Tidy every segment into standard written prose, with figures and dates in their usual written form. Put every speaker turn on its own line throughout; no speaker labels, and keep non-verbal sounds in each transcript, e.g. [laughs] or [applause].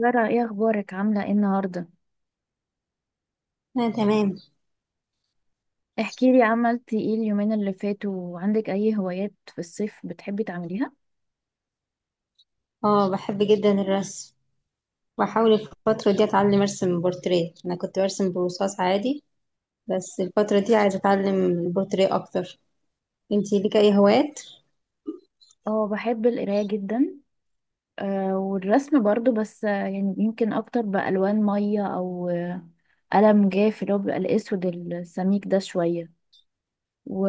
سارة، ايه اخبارك؟ عاملة ايه النهاردة؟
أنا تمام.
احكي لي عملتي ايه اليومين اللي فاتوا، وعندك اي هوايات في الصيف بتحبي تعمليها؟
اه، بحب جدا الرسم. بحاول الفترة دي أتعلم أرسم بورتريه. أنا كنت برسم برصاص عادي، بس الفترة دي عايزة أتعلم البورتريه أكتر. انتي ليك أي هوايات؟
اه بحب القراية جدا. آه والرسم برضو، بس يعني يمكن اكتر بألوان مية او قلم جاف اللي هو بيبقى الاسود السميك ده شوية. و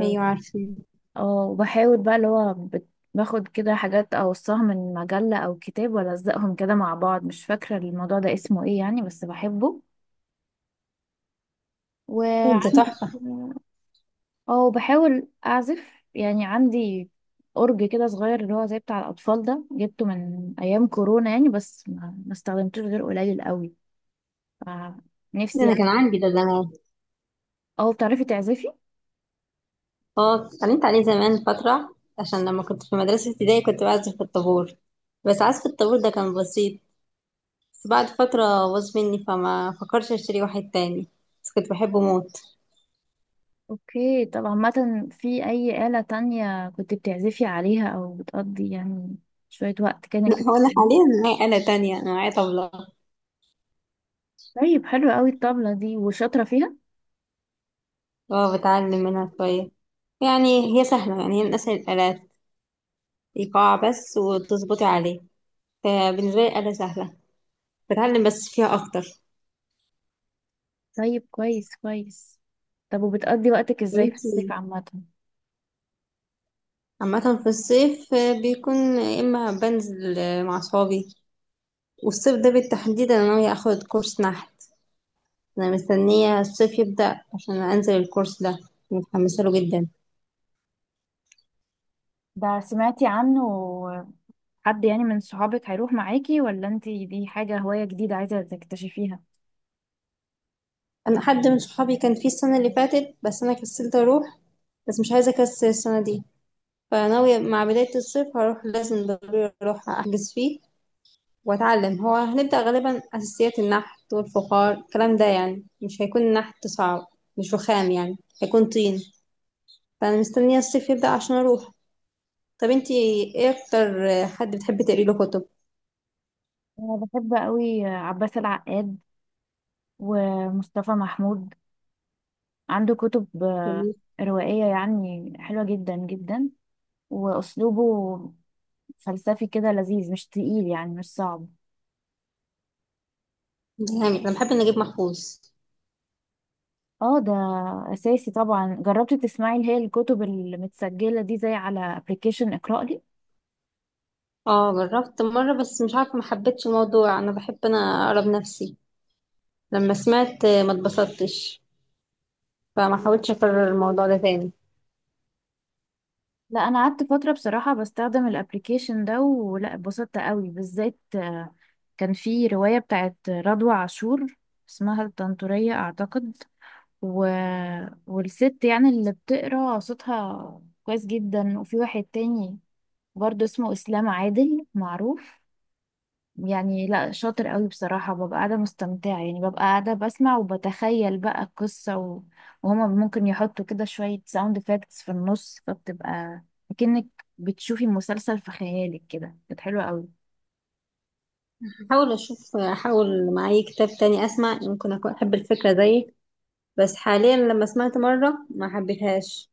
أيوة عارفة.
اه وبحاول بقى اللي هو باخد كده حاجات اوصاها من مجلة او كتاب والزقهم كده مع بعض، مش فاكرة الموضوع ده اسمه ايه يعني، بس بحبه.
انت
وعندي،
تحفة.
اه بحاول اعزف، يعني عندي اورج كده صغير اللي هو زي بتاع الاطفال ده، جبته من ايام كورونا يعني، بس ما استخدمتوش غير قليل قوي. ف-
ده
نفسي
أنا
يعني.
كان عندي ده زمان.
اه بتعرفي تعزفي؟
اه، اتعلمت عليه زمان فترة عشان لما كنت في مدرسة ابتدائي كنت بعزف في الطابور. بس عزف الطابور ده كان بسيط. بس بعد فترة باظ مني، فما فكرش أشتري واحد تاني. بس كنت بحبه موت.
اوكي، طب عامه، في اي آلة تانية كنت بتعزفي عليها او بتقضي يعني شوية وقت كده
لا،
انك
هو أنا
تتعلمي؟
حاليا معايا آلة تانية، أنا معايا طبلة.
طيب حلو قوي، الطبلة دي وشاطرة فيها.
اه، بتعلم منها شوية. يعني هي سهلة، يعني هي من أسهل الآلات. إيقاع بس وتظبطي عليه. فبالنسبة لي آلة سهلة. بتعلم بس فيها أكتر.
طيب كويس كويس. طب وبتقضي وقتك
طب
ازاي في الصيف
انتي؟
عامة؟
عامة في الصيف بيكون يا إما بنزل مع صحابي. والصيف ده بالتحديد أنا ناوية أخد كورس نحت. أنا مستنية الصيف يبدأ عشان أنزل الكورس ده. متحمسة له جدا.
ده سمعتي عنه؟ حد يعني من صحابك هيروح معاكي، ولا انتي دي حاجة هواية جديدة عايزة تكتشفيها؟
أنا حد من صحابي كان فيه السنة اللي فاتت، بس أنا كسلت أروح. بس مش عايزة أكسل السنة دي. فناوية مع بداية الصيف هروح، لازم ضروري اروح احجز فيه واتعلم. هو هنبدأ غالبا اساسيات النحت والفخار، الكلام ده يعني مش هيكون النحت صعب. مش رخام يعني، هيكون طين. فانا مستنية الصيف يبدأ عشان اروح. طب انتي؟ ايه اكتر حد بتحبي تقري له كتب؟
انا بحب قوي عباس العقاد ومصطفى محمود، عنده كتب
جميل.
روائية يعني حلوة جدا جدا. واسلوبه فلسفي كده لذيذ، مش تقيل يعني، مش صعب.
جامد. انا بحب نجيب محفوظ.
اه ده اساسي طبعا. جربتي تسمعي اللي هي الكتب المتسجلة دي، زي على ابلكيشن اقرأ لي؟
اه، جربت مرة بس مش عارفة، ما حبيتش الموضوع. انا بحب انا اقرا بنفسي. لما سمعت ما اتبسطتش، فما حاولتش اكرر الموضوع ده تاني.
لا انا قعدت فتره بصراحه بستخدم الابليكيشن ده، ولا اتبسطت قوي. بالذات كان في روايه بتاعت رضوى عاشور، اسمها الطنطوريه اعتقد، و... والست يعني اللي بتقرا صوتها كويس جدا. وفي واحد تاني برضه اسمه اسلام عادل، معروف يعني، لا شاطر قوي بصراحة. ببقى قاعدة مستمتعة يعني، ببقى قاعدة بسمع وبتخيل بقى القصة، وهما ممكن يحطوا كده شوية ساوند افكتس في النص، فبتبقى كأنك بتشوفي مسلسل في خيالك كده. كانت حلوة قوي.
هحاول اشوف، احاول مع اي كتاب تاني اسمع، ممكن اكون احب الفكره زيك. بس حاليا لما سمعت مره ما حبيتهاش،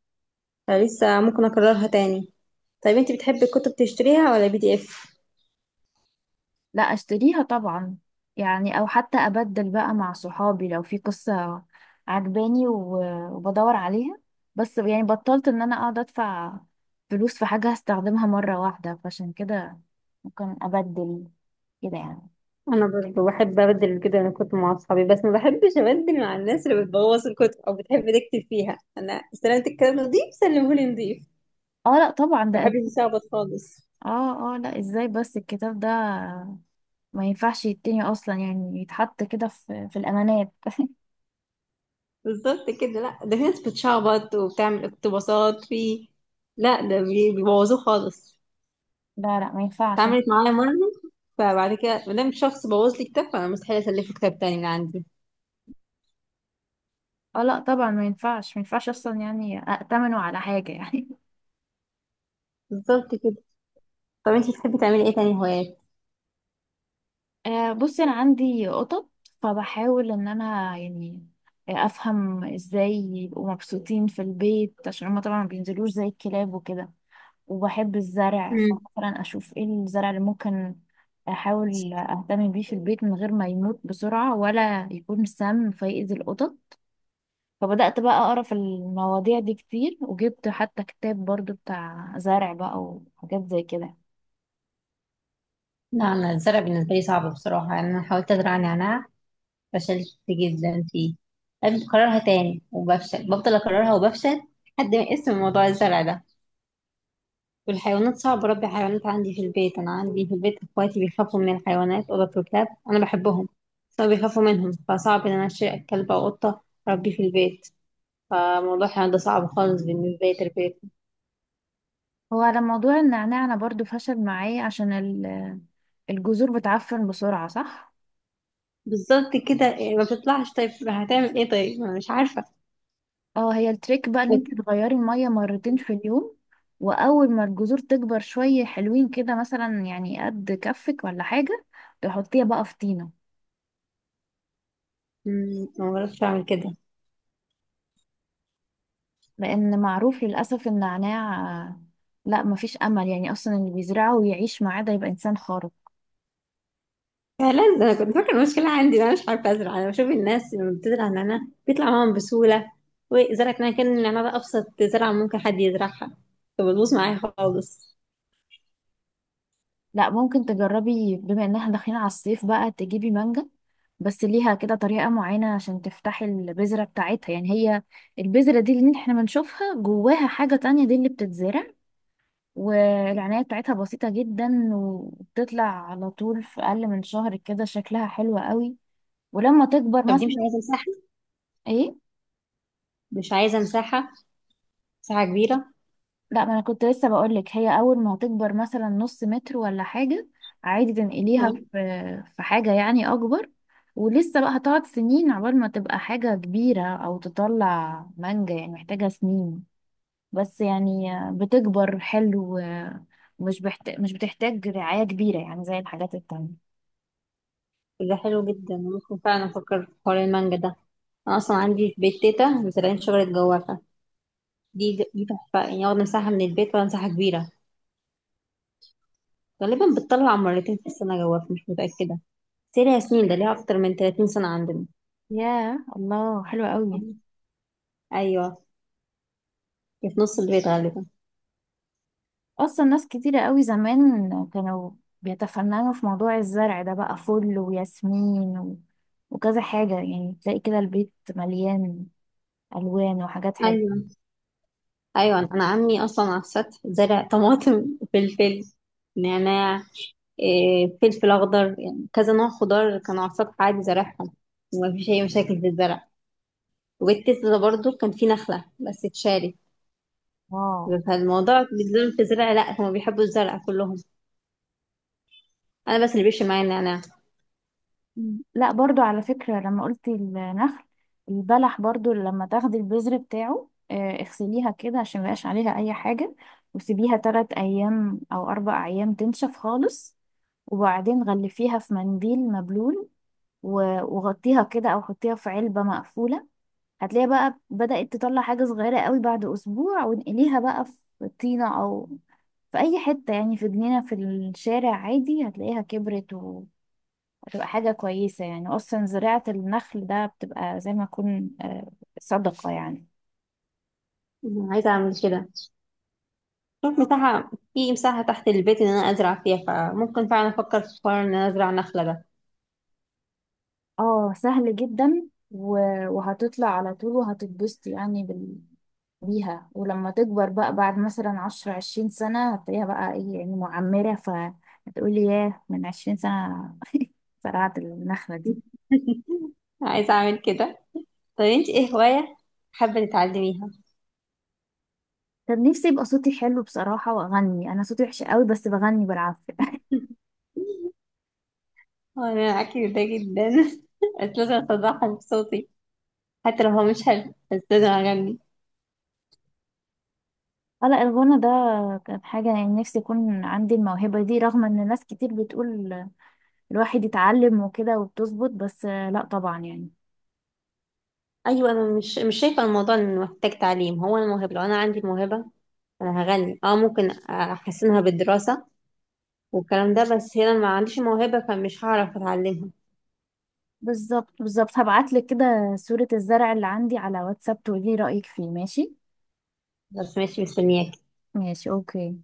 فلسه ممكن اكررها تاني. طيب انت بتحبي الكتب تشتريها ولا بي دي اف؟
لا اشتريها طبعا، يعني او حتى ابدل بقى مع صحابي لو في قصة عجباني وبدور عليها. بس يعني بطلت ان انا اقعد ادفع فلوس في حاجة هستخدمها مرة واحدة، فعشان كده ممكن ابدل كده يعني.
انا برضه بحب ابدل كده الكتب مع اصحابي. بس ما بحبش ابدل مع الناس اللي بتبوظ الكتب او بتحب تكتب فيها. انا استلمت الكتاب نضيف، سلمهولي نضيف.
اه لا طبعا
ما
ده
بحبش يشعبط خالص.
اه اه لا، ازاي بس؟ الكتاب ده ما ينفعش يتني اصلا، يعني يتحط كده في الامانات. [laughs]
بالظبط كده. لا ده في ناس بتشعبط وبتعمل اقتباسات في، لا ده بيبوظوه خالص.
لا لا ما ينفعش.
اتعملت معايا مرة، فبعد كده مادام شخص بوظ لي كتاب فأنا مستحيل أسلفه كتاب تاني من عندي.
اه لا طبعا ما ينفعش، ما ينفعش اصلا يعني ائتمنه على حاجه يعني.
بالظبط كده. طب انتي بتحبي تعملي ايه تاني هوايات؟
[laughs] آه بصي، انا عندي قطط، فبحاول ان انا يعني افهم ازاي يبقوا مبسوطين في البيت، عشان هما طبعا ما بينزلوش زي الكلاب وكده. وبحب الزرع،
مم.
فمثلا اشوف ايه الزرع اللي ممكن احاول اهتم بيه في البيت من غير ما يموت بسرعة، ولا يكون سام فيأذي القطط. فبدأت بقى أقرأ في المواضيع دي كتير، وجبت حتى كتاب برضو بتاع زرع بقى وحاجات زي كده.
لا انا الزرع بالنسبه لي صعب بصراحه. يعني انا حاولت ازرع نعناع، فشلت جدا فيه. لازم اكررها تاني وبفشل، بفضل اكررها وبفشل. لحد ما اسم موضوع الزرع ده. والحيوانات صعب اربي حيوانات عندي في البيت. انا عندي في البيت اخواتي بيخافوا من الحيوانات، قطط وكلاب. انا بحبهم بس هما بيخافوا منهم، فصعب ان انا اشتري كلب او قطه اربيه في البيت. فموضوع كان ده صعب خالص بالنسبة لي تربيتهم.
هو على موضوع النعناع أنا برضو فشل معايا، عشان الجذور بتعفن بسرعة، صح؟
بالظبط كده، يعني ما بتطلعش. طيب هتعمل ايه؟ طيب ما أنا مش عارفة.
اه، هي التريك بقى ان انت تغيري المية مرتين في اليوم، واول ما الجذور تكبر شوية حلوين كده مثلا، يعني قد كفك ولا حاجة، تحطيها بقى في طينة.
ما بعرفش اعمل كده.
لان معروف للأسف النعناع آه، لا مفيش امل يعني، اصلا اللي بيزرعه ويعيش معاه ده يبقى انسان خارق.
فعلا ده انا كنت فاكرة المشكلة عندي إن انا مش عارفة ازرع. انا بشوف الناس لما بتزرع نعناع بيطلع معاهم بسهولة، وزرعت نعناع كان النعناع ده ابسط زرعة ممكن حد يزرعها، فبتبوظ معايا خالص.
لا ممكن تجربي، بما ان احنا داخلين على الصيف بقى، تجيبي مانجا. بس ليها كده طريقة معينة عشان تفتحي البذرة بتاعتها، يعني هي البذرة دي اللي احنا بنشوفها جواها حاجة تانية، دي اللي بتتزرع. والعناية بتاعتها بسيطة جدا، وبتطلع على طول في أقل من شهر كده، شكلها حلو قوي. ولما تكبر
طب دي مش
مثلا،
عايزة مساحة
ايه؟
مش عايزة مساحة مساحة كبيرة.
لا ما انا كنت لسه بقولك، هي اول ما هتكبر مثلا نص متر ولا حاجة، عادي تنقليها
تمام.
في في حاجة يعني اكبر. ولسه بقى هتقعد سنين عقبال ما تبقى حاجة كبيرة، او تطلع مانجا يعني محتاجة سنين. بس يعني بتكبر حلو، مش بتحتاج رعاية كبيرة يعني زي الحاجات التانية.
ده حلو جدا، ممكن فعلا افكر في حوار المانجا ده. انا اصلا عندي في بيت تيتا مزرعين شجرة جوافة. دي تحفة يعني، واخدة مساحة من البيت ولا مساحة كبيرة. غالبا بتطلع مرتين في السنة، جواك مش متأكدة. بس هي ليها سنين، ده ليها أكتر من 30 سنة عندنا.
ياه الله، حلوة قوي.
أيوة. هي في نص البيت غالبا.
اصلا ناس كتيرة قوي زمان كانوا بيتفننوا في موضوع الزرع ده بقى، فل وياسمين وكذا حاجة يعني، تلاقي كده البيت مليان الوان وحاجات حلوة.
أيوة، أيوة. أنا عمي أصلا على السطح زرع طماطم [laughs] فلفل، نعناع، فلفل أخضر، يعني كذا نوع خضار كانوا على السطح عادي زارعهم. ومفيش أي مشاكل في الزرع. وبيت تيتا ده برضه كان فيه نخلة بس اتشالت.
اه.
فالموضوع بالذات في الزرع لأ، هما بيحبوا الزرع كلهم، انا بس اللي بيفشل معايا النعناع.
مم. لا برضو على فكرة، لما قلت النخل، البلح برضو لما تاخدي البذر بتاعه اغسليها كده عشان ميبقاش عليها اي حاجة، وسيبيها 3 ايام او 4 ايام تنشف خالص، وبعدين غلفيها في منديل مبلول، و- وغطيها كده او حطيها في علبة مقفولة. هتلاقيها بقى بدأت تطلع حاجة صغيرة قوي بعد اسبوع، وانقليها بقى في طينة او في اي حتة يعني، في جنينة في الشارع عادي، هتلاقيها كبرت وهتبقى حاجة كويسة يعني. اصلا زراعة النخل ده بتبقى زي ما يكون صدقة يعني.
عايزه اعمل كده. شوف مساحه في مساحه تحت البيت ان انا ازرع فيها، فممكن فعلا افكر في حوار ان انا ازرع نخله ده.
اه سهل جدا، وهتطلع على طول وهتتبسط يعني بيها. ولما تكبر بقى بعد مثلا عشرة 20 سنة، هتلاقيها بقى ايه يعني، معمرة، فهتقولي ياه، من 20 سنة زرعت النخلة دي.
[laughs] عايزه اعمل كده. طب انت ايه هوايه حابه تتعلميها؟
طب نفسي يبقى صوتي حلو بصراحة وأغني. أنا صوتي وحش قوي، بس بغني بالعافية. [laughs]
وانا معاكي في ده جدا [laughs] بس لازم اصدعها بصوتي، حتى لو هو مش حلو بس لازم اغني.
آه لا، الغنى ده كانت حاجة يعني نفسي يكون عندي الموهبة دي، رغم إن ناس كتير بتقول الواحد يتعلم وكده وبتظبط، بس لا طبعا يعني.
ايوه انا مش شايفه الموضوع انه محتاج تعليم. هو انا موهبه، لو انا عندي الموهبه انا هغني. اه ممكن احسنها بالدراسه والكلام ده، بس هنا ما عنديش موهبة فمش هعرف اتعلمها.
بالظبط بالظبط. هبعتلك كده صورة الزرع اللي عندي على واتساب تقولي رأيك فيه، ماشي؟
بس ماشي، مستنياك.
ماشي أوكي.